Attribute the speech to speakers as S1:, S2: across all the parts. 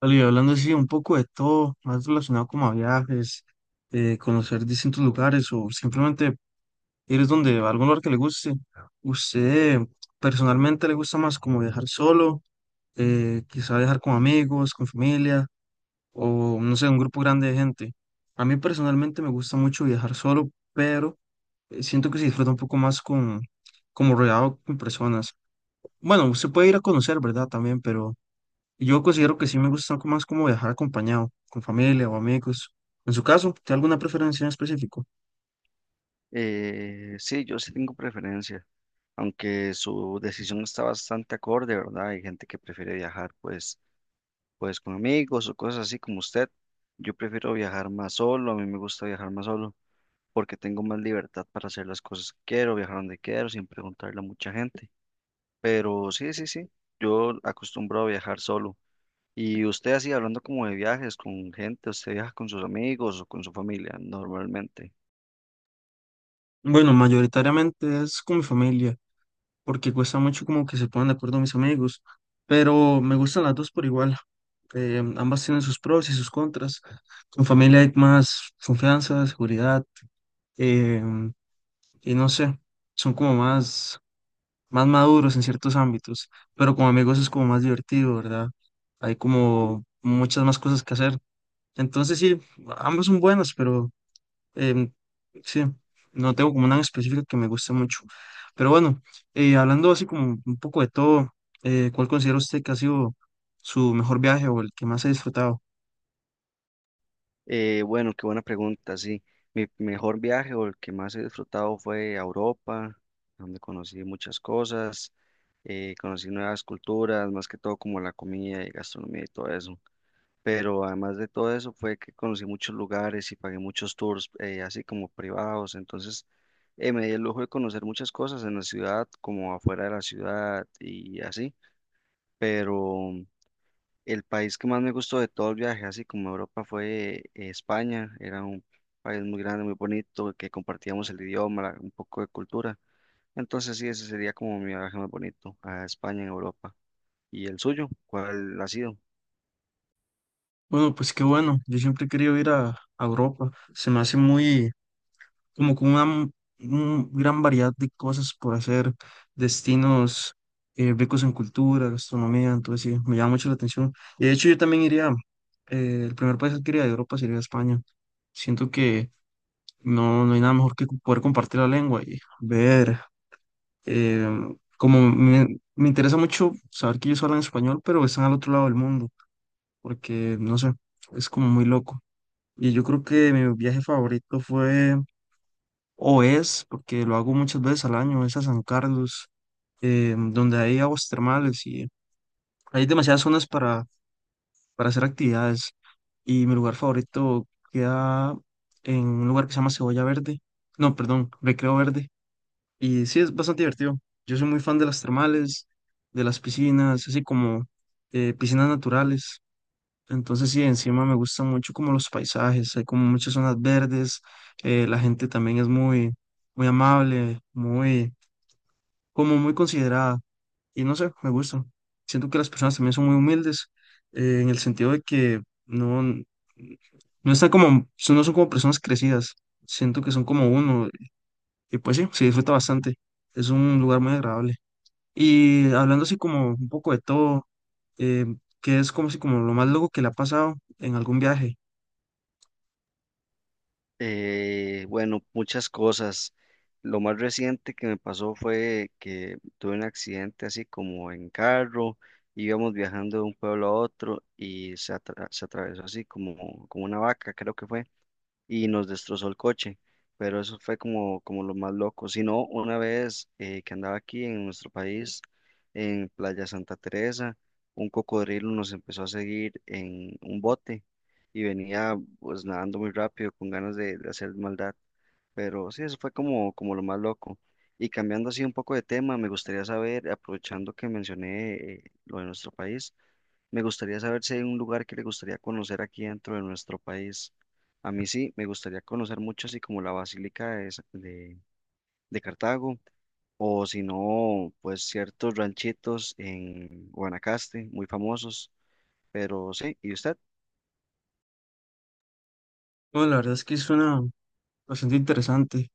S1: Vale, y hablando así un poco de todo, más relacionado como a viajes, conocer distintos lugares o simplemente ir donde a algún lugar que le guste. ¿Usted personalmente le gusta más como viajar solo, quizá viajar con amigos, con familia o no sé, un grupo grande de gente? A mí personalmente me gusta mucho viajar solo, pero siento que se disfruta un poco más con, como rodeado con personas. Bueno, usted puede ir a conocer, ¿verdad? También, pero... Yo considero que sí me gusta como- más como viajar acompañado, con familia o amigos. En su caso, ¿tiene alguna preferencia en específico?
S2: Sí, yo sí tengo preferencia, aunque su decisión está bastante acorde, ¿verdad? Hay gente que prefiere viajar pues, pues con amigos o cosas así como usted. Yo prefiero viajar más solo, a mí me gusta viajar más solo porque tengo más libertad para hacer las cosas que quiero, viajar donde quiero, sin preguntarle a mucha gente. Pero sí, sí, sí, yo acostumbro a viajar solo. Y usted así, hablando como de viajes con gente, ¿usted viaja con sus amigos o con su familia normalmente?
S1: Bueno, mayoritariamente es con mi familia, porque cuesta mucho como que se pongan de acuerdo mis amigos, pero me gustan las dos por igual. Ambas tienen sus pros y sus contras. Con familia hay más confianza, seguridad, eh, y no sé, son como más, más maduros en ciertos ámbitos, pero con amigos es como más divertido, ¿verdad? Hay como muchas más cosas que hacer. Entonces sí, ambos son buenos, pero em, sí, no tengo como una en específico que me guste mucho. Pero bueno, hablando así como un poco de todo, ¿cuál considera usted que ha sido su mejor viaje o el que más ha disfrutado?
S2: Bueno, qué buena pregunta, sí. Mi mejor viaje o el que más he disfrutado fue a Europa, donde conocí muchas cosas, conocí nuevas culturas, más que todo como la comida y gastronomía y todo eso. Pero además de todo eso fue que conocí muchos lugares y pagué muchos tours, así como privados. Entonces, me di el lujo de conocer muchas cosas en la ciudad, como afuera de la ciudad y así. Pero el país que más me gustó de todo el viaje, así como Europa, fue España. Era un país muy grande, muy bonito, que compartíamos el idioma, un poco de cultura. Entonces sí, ese sería como mi viaje más bonito a España en Europa. ¿Y el suyo? ¿Cuál ha sido?
S1: Bueno, pues qué bueno, yo siempre he querido ir a Europa, se me hace muy, como con una m- un gran variedad de cosas por hacer, destinos ricos en cultura, gastronomía, entonces sí, me llama mucho la atención. Y de hecho yo también iría, el primer país que iría de Europa sería España. Siento que no, no hay nada mejor que cu- poder compartir la lengua y ver, eh, como me interesa mucho saber que ellos hablan español, pero están al otro lado del mundo, porque no sé, es como muy loco. Y yo creo que mi viaje favorito fue o es, porque lo hago muchas veces al año, es a San Carlos, donde hay aguas termales y hay demasiadas zonas para hacer actividades. Y mi lugar favorito queda en un lugar que se llama Cebolla Verde, no, perdón, Recreo Verde. Y sí, es bastante divertido. Yo soy muy fan de las termales, de las piscinas, así como piscinas naturales. Entonces sí, encima me gustan mucho como los paisajes, hay como muchas zonas verdes, la gente también es muy, muy amable, muy como muy considerada y no sé, me gusta. Siento que las personas también son muy humildes en el sentido de que no, no están como, son- no son como personas crecidas, siento que son como uno y pues sí, se disfruta bastante, es un lugar muy agradable. Y hablando así como un poco de todo, eh, que es como si como lo más loco que le ha pasado en algún viaje.
S2: Bueno, muchas cosas. Lo más reciente que me pasó fue que tuve un accidente así como en carro, íbamos viajando de un pueblo a otro y se atravesó así como, como una vaca, creo que fue. Y nos destrozó el coche, pero eso fue como, como lo más loco. Si no, una vez que andaba aquí en nuestro país, en Playa Santa Teresa, un cocodrilo nos empezó a seguir en un bote y venía pues nadando muy rápido con ganas de hacer maldad, pero sí, eso fue como, como lo más loco. Y cambiando así un poco de tema, me gustaría saber, aprovechando que mencioné lo de nuestro país, me gustaría saber si hay un lugar que le gustaría conocer aquí dentro de nuestro país. A mí sí, me gustaría conocer mucho, así como la Basílica de Cartago, o si no, pues ciertos ranchitos en Guanacaste, muy famosos. Pero sí, ¿y usted?
S1: Bueno, la verdad es que suena bastante interesante.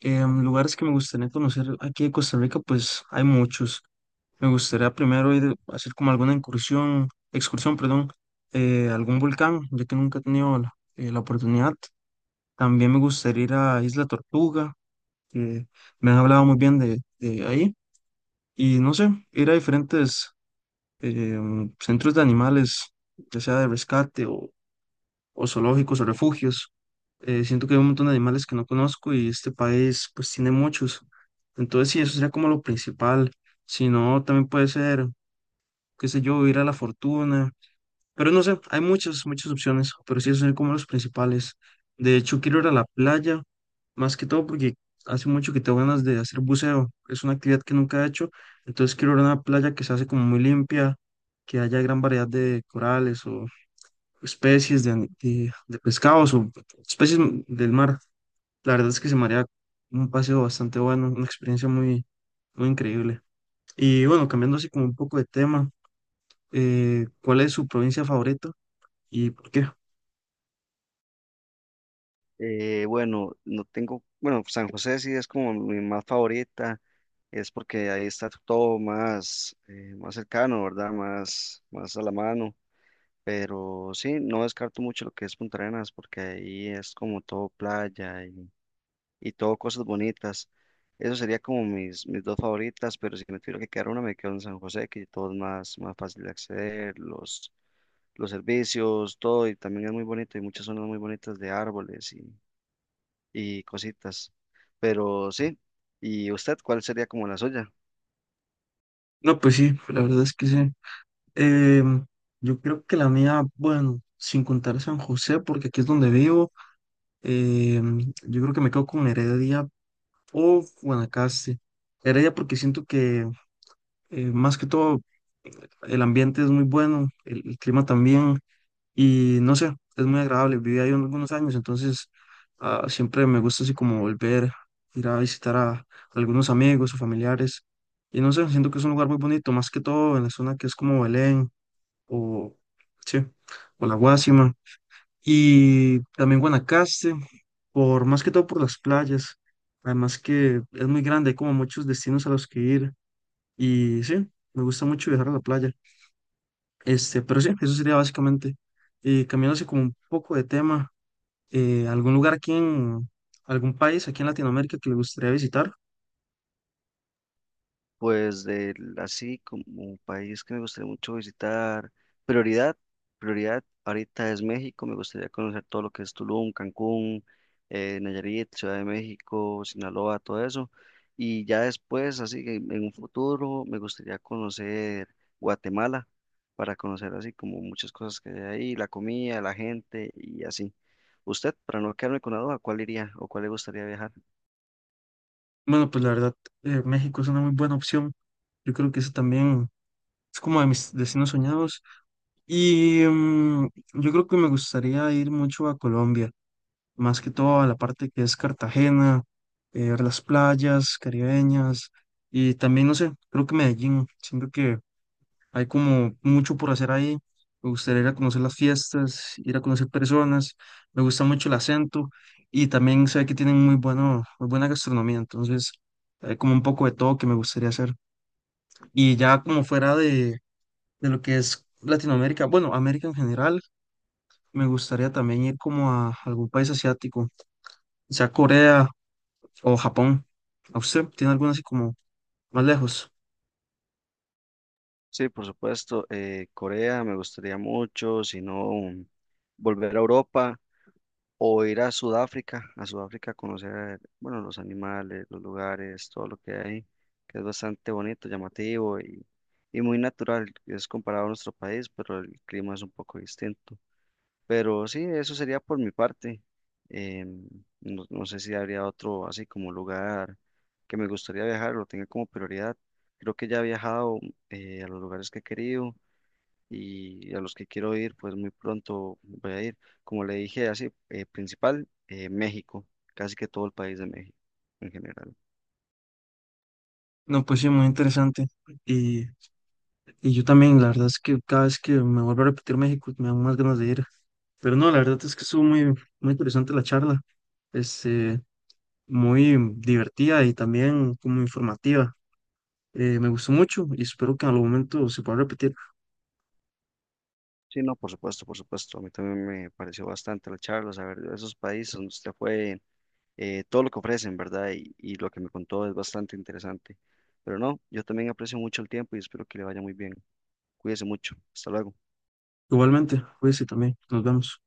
S1: Lugares que me gustaría conocer aquí en Costa Rica, pues hay muchos. Me gustaría primero ir a hacer como alguna incursión, excursión, perdón, a algún volcán, ya que nunca he tenido la, la oportunidad. También me gustaría ir a Isla Tortuga, que me han hablado muy bien de ahí. Y no sé, ir a diferentes eh, centros de animales, ya sea de rescate o zoológicos o refugios. Siento que hay un montón de animales que no conozco y este país pues tiene muchos. Entonces sí, eso sería como lo principal. Si no, también puede ser qué sé yo, ir a la fortuna, pero no sé, hay muchas opciones, pero sí, esos son como los principales. De hecho, quiero ir a la playa, más que todo porque hace mucho que tengo ganas de hacer buceo, es una actividad que nunca he hecho, entonces quiero ir a una playa que se hace como muy limpia, que haya gran variedad de corales o especies de, ani- de pescados o especies del mar. La verdad es que se me haría un paseo bastante bueno, una experiencia muy, muy increíble. Y bueno, cambiando así como un poco de tema ¿cuál es su provincia favorita y por qué?
S2: Bueno, no tengo, bueno, San José sí es como mi más favorita, es porque ahí está todo más, más cercano, ¿verdad? Más, más a la mano. Pero sí, no descarto mucho lo que es Punta Arenas, porque ahí es como todo playa y todo cosas bonitas. Eso sería como mis, mis dos favoritas, pero si me tuviera que quedar una, me quedo en San José, que todo es más, más fácil de acceder, los servicios, todo, y también es muy bonito, y muchas zonas muy bonitas de árboles y cositas. Pero sí, ¿y usted cuál sería como la suya?
S1: No, pues sí, la verdad es que sí. Em, yo creo que la mía, bueno, sin contar San José, porque aquí es donde vivo, yo creo que me quedo con Heredia o Guanacaste. Heredia porque siento que más que todo el ambiente es muy bueno, el clima también, y no sé, es muy agradable. Viví ahí algunos años, entonces siempre me gusta así como volver, ir a visitar a algunos amigos o familiares. Y no sé, siento que es un lugar muy bonito, más que todo en la zona que es como Belén o, sí, o La Guásima. Y también Guanacaste, por, más que todo por las playas. Además que es muy grande, hay como muchos destinos a los que ir. Y sí, me gusta mucho viajar a la playa. Este, pero sí, eso sería básicamente. Y cambiándose como un poco de tema, eh, ¿algún lugar aquí en algún país aquí en Latinoamérica que le gustaría visitar?
S2: Pues así como un país que me gustaría mucho visitar, prioridad, prioridad ahorita es México, me gustaría conocer todo lo que es Tulum, Cancún, Nayarit, Ciudad de México, Sinaloa, todo eso. Y ya después, así que en un futuro, me gustaría conocer Guatemala para conocer así como muchas cosas que hay ahí, la comida, la gente y así. Usted, para no quedarme con la duda, ¿cuál iría o cuál le gustaría viajar?
S1: Bueno, pues la verdad, México es una muy buena opción. Yo creo que eso también es como de mis destinos soñados. Y yo creo que me gustaría ir mucho a Colombia, más que todo a la parte que es Cartagena, ver las playas caribeñas y también, no sé, creo que Medellín. Siento que hay como mucho por hacer ahí. Me gustaría ir a conocer las fiestas, ir a conocer personas. Me gusta mucho el acento y también sé que tienen muy bueno, muy buena gastronomía. Entonces, hay como un poco de todo que me gustaría hacer. Y ya como fuera de lo que es Latinoamérica, bueno, América en general, me gustaría también ir como a algún país asiático, sea Corea o Japón. ¿A usted tiene alguna así como más lejos?
S2: Sí, por supuesto. Corea me gustaría mucho, si no, volver a Europa o ir a Sudáfrica, a Sudáfrica a conocer, bueno, los animales, los lugares, todo lo que hay, que es bastante bonito, llamativo y muy natural. Es comparado a nuestro país, pero el clima es un poco distinto. Pero sí, eso sería por mi parte. em, no, no sé si habría otro así como lugar que me gustaría viajar, lo tenga como prioridad. Creo que ya he viajado a los lugares que he querido y a los que quiero ir, pues muy pronto voy a ir. Como le dije, así, principal, México, casi que todo el país de México en general.
S1: No, pues sí, muy interesante. y Y yo también, la verdad es que cada vez que me vuelvo a repetir México me dan más ganas de ir. Pero no, la verdad es que estuvo muy, muy interesante la charla, este, muy divertida y también como informativa. Me gustó mucho y espero que en algún momento se pueda repetir.
S2: Sí, no, por supuesto, por supuesto. A mí también me pareció bastante la charla, saber de esos países donde usted fue, todo lo que ofrecen, ¿verdad? Y lo que me contó es bastante interesante. Pero no, yo también aprecio mucho el tiempo y espero que le vaya muy bien. Cuídese mucho. Hasta luego.
S1: Igualmente, cuídense también, nos vemos.